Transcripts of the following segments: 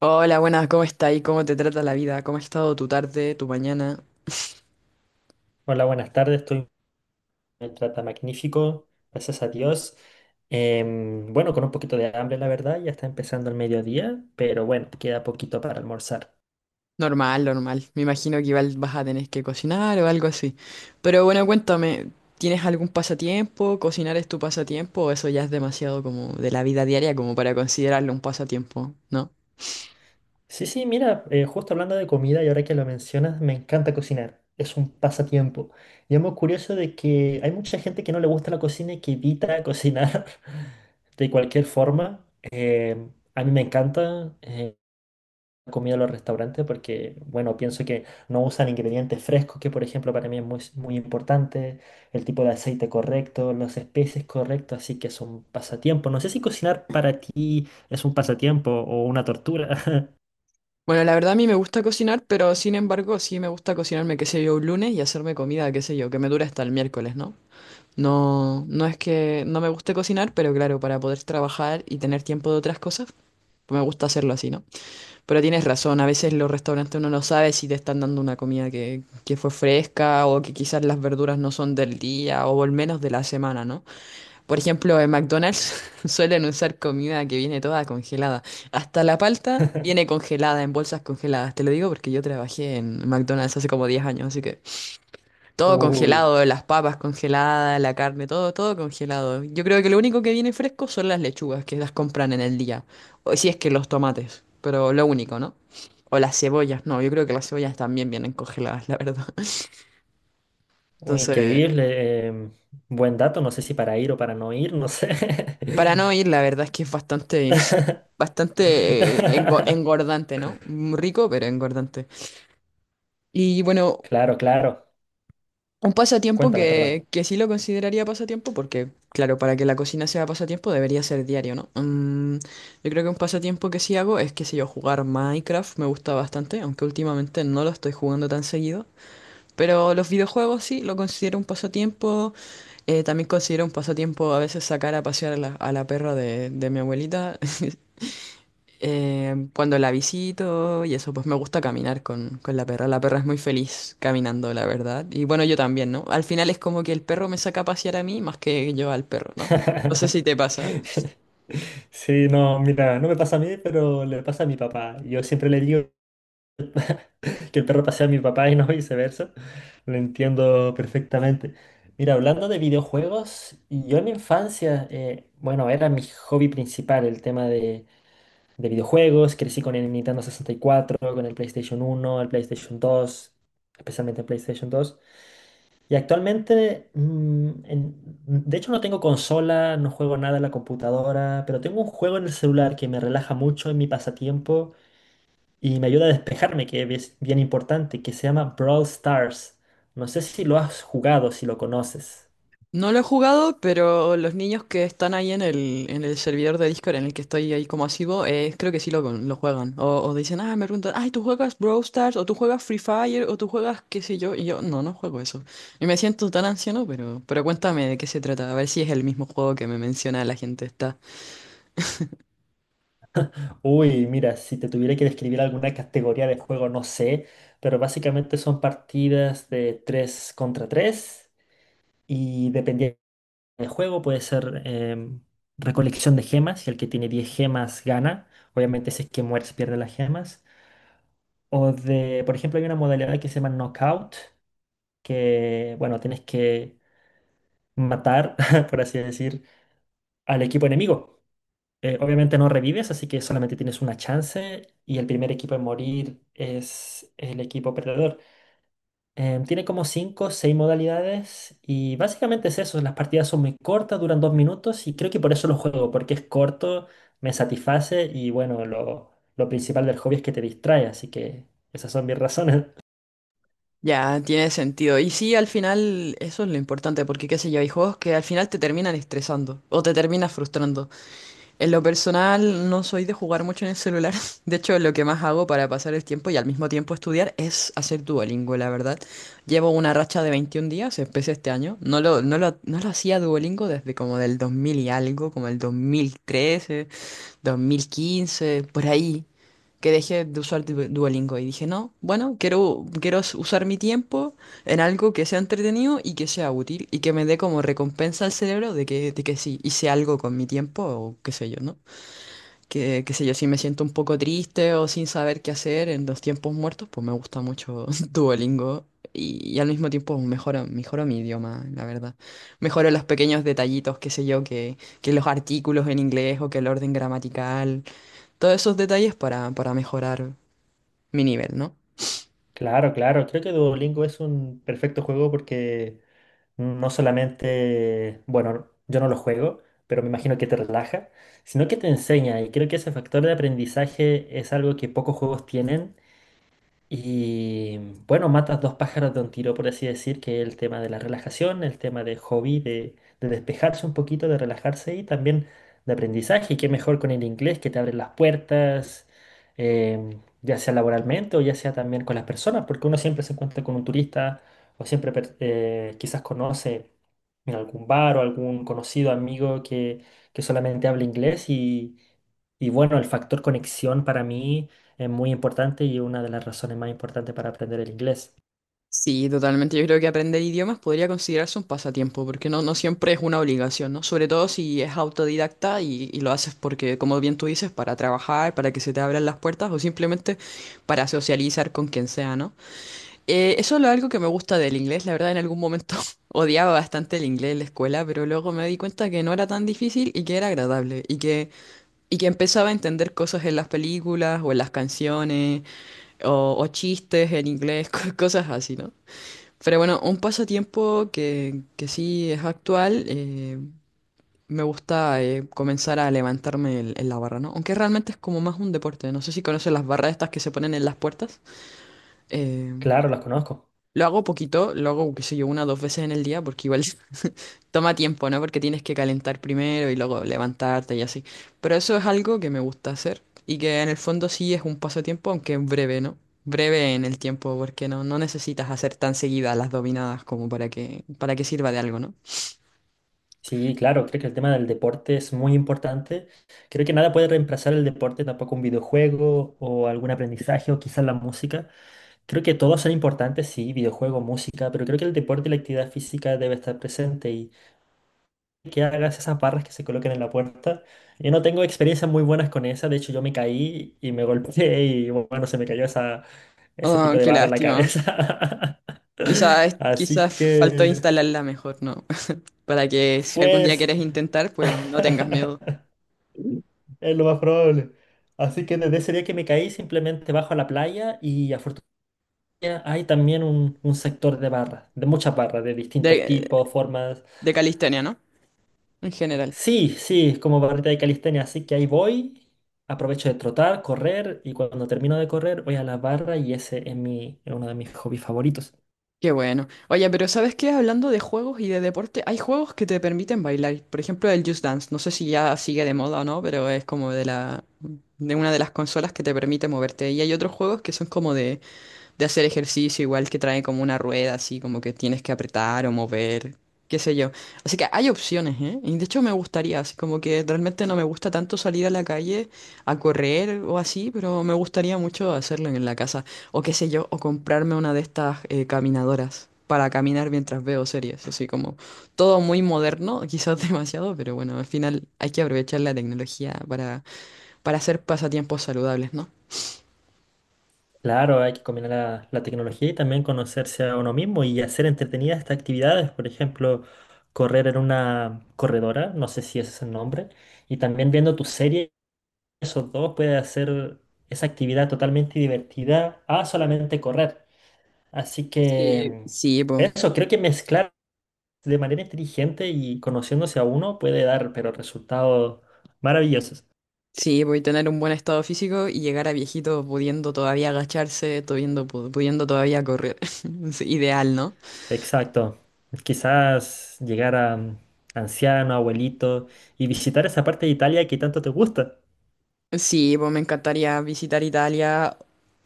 Hola, buenas, ¿cómo está y ¿cómo te trata la vida? ¿Cómo ha estado tu tarde, tu mañana? Hola, buenas tardes. Estoy me trata magnífico, gracias a Dios. Bueno, con un poquito de hambre, la verdad, ya está empezando el mediodía, pero bueno, queda poquito para almorzar. Normal, normal. Me imagino que igual vas a tener que cocinar o algo así. Pero bueno, cuéntame, ¿tienes algún pasatiempo? ¿Cocinar es tu pasatiempo? ¿O eso ya es demasiado como de la vida diaria como para considerarlo un pasatiempo? ¿No? Sí, sí, mira, justo hablando de comida y ahora que lo mencionas, me encanta cocinar. Es un pasatiempo. Y es muy curioso de que hay mucha gente que no le gusta la cocina y que evita cocinar de cualquier forma. A mí me encanta. Comido en los restaurantes porque, bueno, pienso que no usan ingredientes frescos, que por ejemplo para mí es muy, muy importante, el tipo de aceite correcto, las especies correctas, así que es un pasatiempo. No sé si cocinar para ti es un pasatiempo o una tortura. Bueno, la verdad a mí me gusta cocinar, pero sin embargo sí me gusta cocinarme, qué sé yo, un lunes y hacerme comida, qué sé yo, que me dure hasta el miércoles, ¿no? No, no es que no me guste cocinar, pero claro, para poder trabajar y tener tiempo de otras cosas, me gusta hacerlo así, ¿no? Pero tienes razón, a veces los restaurantes uno no sabe si te están dando una comida que fue fresca o que quizás las verduras no son del día o al menos de la semana, ¿no? Por ejemplo, en McDonald's suelen usar comida que viene toda congelada. Hasta la palta viene congelada en bolsas congeladas. Te lo digo porque yo trabajé en McDonald's hace como 10 años, así que todo Uy, congelado, las papas congeladas, la carne, todo, todo congelado. Yo creo que lo único que viene fresco son las lechugas que las compran en el día. O si es que los tomates, pero lo único, ¿no? O las cebollas, no, yo creo que las cebollas también vienen congeladas, la verdad. uy, Entonces, increíble. Buen dato, no sé si para ir o para no ir, no sé. para no ir, la verdad es que es bastante, bastante engordante, ¿no? Rico, pero engordante. Y bueno, Claro, claro. un pasatiempo Cuéntame, perdón. que sí lo consideraría pasatiempo porque, claro, para que la cocina sea pasatiempo debería ser diario, ¿no? Yo creo que un pasatiempo que sí hago es, qué sé yo, jugar Minecraft. Me gusta bastante, aunque últimamente no lo estoy jugando tan seguido. Pero los videojuegos sí lo considero un pasatiempo. También considero un pasatiempo a veces sacar a pasear a la perra de mi abuelita. Cuando la visito y eso, pues me gusta caminar con la perra. La perra es muy feliz caminando, la verdad. Y bueno, yo también, ¿no? Al final es como que el perro me saca a pasear a mí más que yo al perro, ¿no? No sé si te pasa. Sí, no, mira, no me pasa a mí, pero le pasa a mi papá. Yo siempre le digo que el perro pasea a mi papá y no viceversa. Lo entiendo perfectamente. Mira, hablando de videojuegos, yo en mi infancia, bueno, era mi hobby principal el tema de videojuegos. Crecí con el Nintendo sesenta y cuatro, con el PlayStation uno, el PlayStation dos, especialmente el PlayStation dos. Y actualmente, de hecho no tengo consola, no juego nada en la computadora, pero tengo un juego en el celular que me relaja mucho en mi pasatiempo y me ayuda a despejarme, que es bien importante, que se llama Brawl Stars. No sé si lo has jugado, si lo conoces. No lo he jugado, pero los niños que están ahí en el servidor de Discord en el que estoy ahí como asiduo, creo que sí lo juegan. O dicen, me preguntan, ay, ¿tú juegas Brawl Stars? ¿O tú juegas Free Fire? ¿O tú juegas qué sé yo? Y yo, no, no juego eso. Y me siento tan anciano, pero cuéntame de qué se trata, a ver si es el mismo juego que me menciona la gente esta. Uy, mira, si te tuviera que describir alguna categoría de juego, no sé, pero básicamente son partidas de 3 contra 3 y dependiendo el juego puede ser recolección de gemas y el que tiene 10 gemas gana. Obviamente si es que mueres pierde las gemas. O de, por ejemplo, hay una modalidad que se llama knockout, que, bueno, tienes que matar, por así decir, al equipo enemigo. Obviamente no revives, así que solamente tienes una chance y el primer equipo en morir es el equipo perdedor. Tiene como 5 o 6 modalidades y básicamente es eso, las partidas son muy cortas, duran 2 minutos y creo que por eso lo juego, porque es corto, me satisface y bueno, lo principal del hobby es que te distrae, así que esas son mis razones. Ya, tiene sentido. Y sí, al final, eso es lo importante, porque qué sé yo, hay juegos que al final te terminan estresando o te terminas frustrando. En lo personal, no soy de jugar mucho en el celular. De hecho, lo que más hago para pasar el tiempo y al mismo tiempo estudiar es hacer Duolingo, la verdad. Llevo una racha de 21 días, empecé este año. No lo hacía Duolingo desde como del 2000 y algo, como el 2013. 2015, por ahí, que dejé de usar Duolingo y dije, no, bueno, quiero usar mi tiempo en algo que sea entretenido y que sea útil y que me dé como recompensa al cerebro de que sí, hice algo con mi tiempo o qué sé yo, ¿no? Que, qué sé yo, si me siento un poco triste o sin saber qué hacer en los tiempos muertos, pues me gusta mucho Duolingo. Y al mismo tiempo mejoro, mejoro mi idioma, la verdad. Mejoro los pequeños detallitos, qué sé yo, que los artículos en inglés o que el orden gramatical, todos esos detalles para mejorar mi nivel, ¿no? Claro, claro, creo que Duolingo es un perfecto juego porque no solamente, bueno, yo no lo juego, pero me imagino que te relaja, sino que te enseña y creo que ese factor de aprendizaje es algo que pocos juegos tienen. Y bueno, matas dos pájaros de un tiro, por así decir, que es el tema de la relajación, el tema de hobby, de despejarse un poquito, de relajarse y también de aprendizaje. Y qué mejor con el inglés que te abre las puertas, eh, ya sea laboralmente o ya sea también con las personas, porque uno siempre se encuentra con un turista o siempre quizás conoce en algún bar o algún conocido amigo que solamente habla inglés y bueno, el factor conexión para mí. Es muy importante y una de las razones más importantes para aprender el inglés. Sí, totalmente. Yo creo que aprender idiomas podría considerarse un pasatiempo, porque no, no siempre es una obligación, ¿no? Sobre todo si es autodidacta y lo haces porque, como bien tú dices, para trabajar, para que se te abran las puertas o simplemente para socializar con quien sea, ¿no? Eso es algo que me gusta del inglés. La verdad, en algún momento odiaba bastante el inglés en la escuela, pero luego me di cuenta que no era tan difícil y que era agradable y que empezaba a entender cosas en las películas o en las canciones, o chistes en inglés, cosas así, ¿no? Pero bueno, un pasatiempo que sí es actual, me gusta comenzar a levantarme en la barra, ¿no? Aunque realmente es como más un deporte, no sé si conoces las barras estas que se ponen en las puertas. Eh, Claro, las conozco. lo hago poquito, lo hago, qué sé yo, una o dos veces en el día, porque igual toma tiempo, ¿no? Porque tienes que calentar primero y luego levantarte y así. Pero eso es algo que me gusta hacer y que en el fondo sí es un pasatiempo, aunque es breve, ¿no? Breve en el tiempo, porque no, no necesitas hacer tan seguidas las dominadas como para que sirva de algo, ¿no? Sí, claro, creo que el tema del deporte es muy importante. Creo que nada puede reemplazar el deporte, tampoco un videojuego o algún aprendizaje o quizás la música. Creo que todos son importantes, sí, videojuego, música, pero creo que el deporte y la actividad física debe estar presente que hagas esas barras que se coloquen en la puerta. Yo no tengo experiencias muy buenas con esa, de hecho yo me caí y me golpeé y bueno, se me cayó ese Oh, tipo de qué barra en la lástima. cabeza. Quizás, Así quizás faltó que, instalarla mejor, ¿no? Para que si algún día pues, quieres intentar, pues no tengas miedo. es lo más probable. Así que desde ese día que me caí, simplemente bajo a la playa y afortunadamente hay también un sector de barras, de muchas barras, de distintos De, tipos, formas. de calistenia, ¿no? En general. Sí, sí, es como barrita de calistenia, así que ahí voy, aprovecho de trotar, correr y cuando termino de correr voy a la barra y ese es es uno de mis hobbies favoritos. Qué bueno. Oye, pero ¿sabes qué? Hablando de juegos y de deporte, hay juegos que te permiten bailar. Por ejemplo, el Just Dance. No sé si ya sigue de moda o no, pero es como de una de las consolas que te permite moverte. Y hay otros juegos que son como de hacer ejercicio, igual que trae como una rueda, así como que tienes que apretar o mover, qué sé yo. Así que hay opciones, ¿eh? Y de hecho me gustaría, así como que realmente no me gusta tanto salir a la calle a correr o así, pero me gustaría mucho hacerlo en la casa, o qué sé yo, o comprarme una de estas caminadoras, para caminar mientras veo series, así como todo muy moderno, quizás demasiado, pero bueno, al final hay que aprovechar la tecnología para hacer pasatiempos saludables, ¿no? Claro, hay que combinar la tecnología y también conocerse a uno mismo y hacer entretenidas estas actividades, por ejemplo, correr en una corredora, no sé si ese es el nombre, y también viendo tu serie, esos dos puede hacer esa actividad totalmente divertida a solamente correr. Así que... Sí, mm, sí, po. Eso, creo que mezclar de manera inteligente y conociéndose a uno puede dar, pero resultados maravillosos. Sí, voy a tener un buen estado físico y llegar a viejito pudiendo todavía agacharse, pudiendo todavía correr. Es ideal, ¿no? Exacto. Quizás llegar a anciano, abuelito y visitar esa parte de Italia que tanto te gusta. Sí, pues me encantaría visitar Italia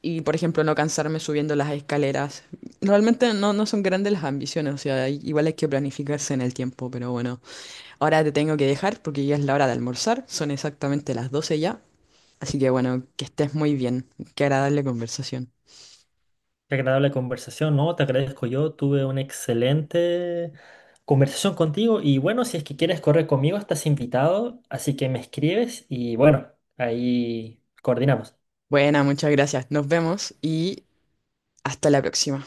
y, por ejemplo, no cansarme subiendo las escaleras. Realmente no, no son grandes las ambiciones, o sea, igual hay que planificarse en el tiempo, pero bueno. Ahora te tengo que dejar porque ya es la hora de almorzar, son exactamente las 12 ya. Así que bueno, que estés muy bien. Qué agradable conversación. Qué agradable conversación, ¿no? Te agradezco yo. Tuve una excelente conversación contigo y bueno, si es que quieres correr conmigo, estás invitado, así que me escribes y bueno, ahí coordinamos. Buena, muchas gracias. Nos vemos y hasta la próxima.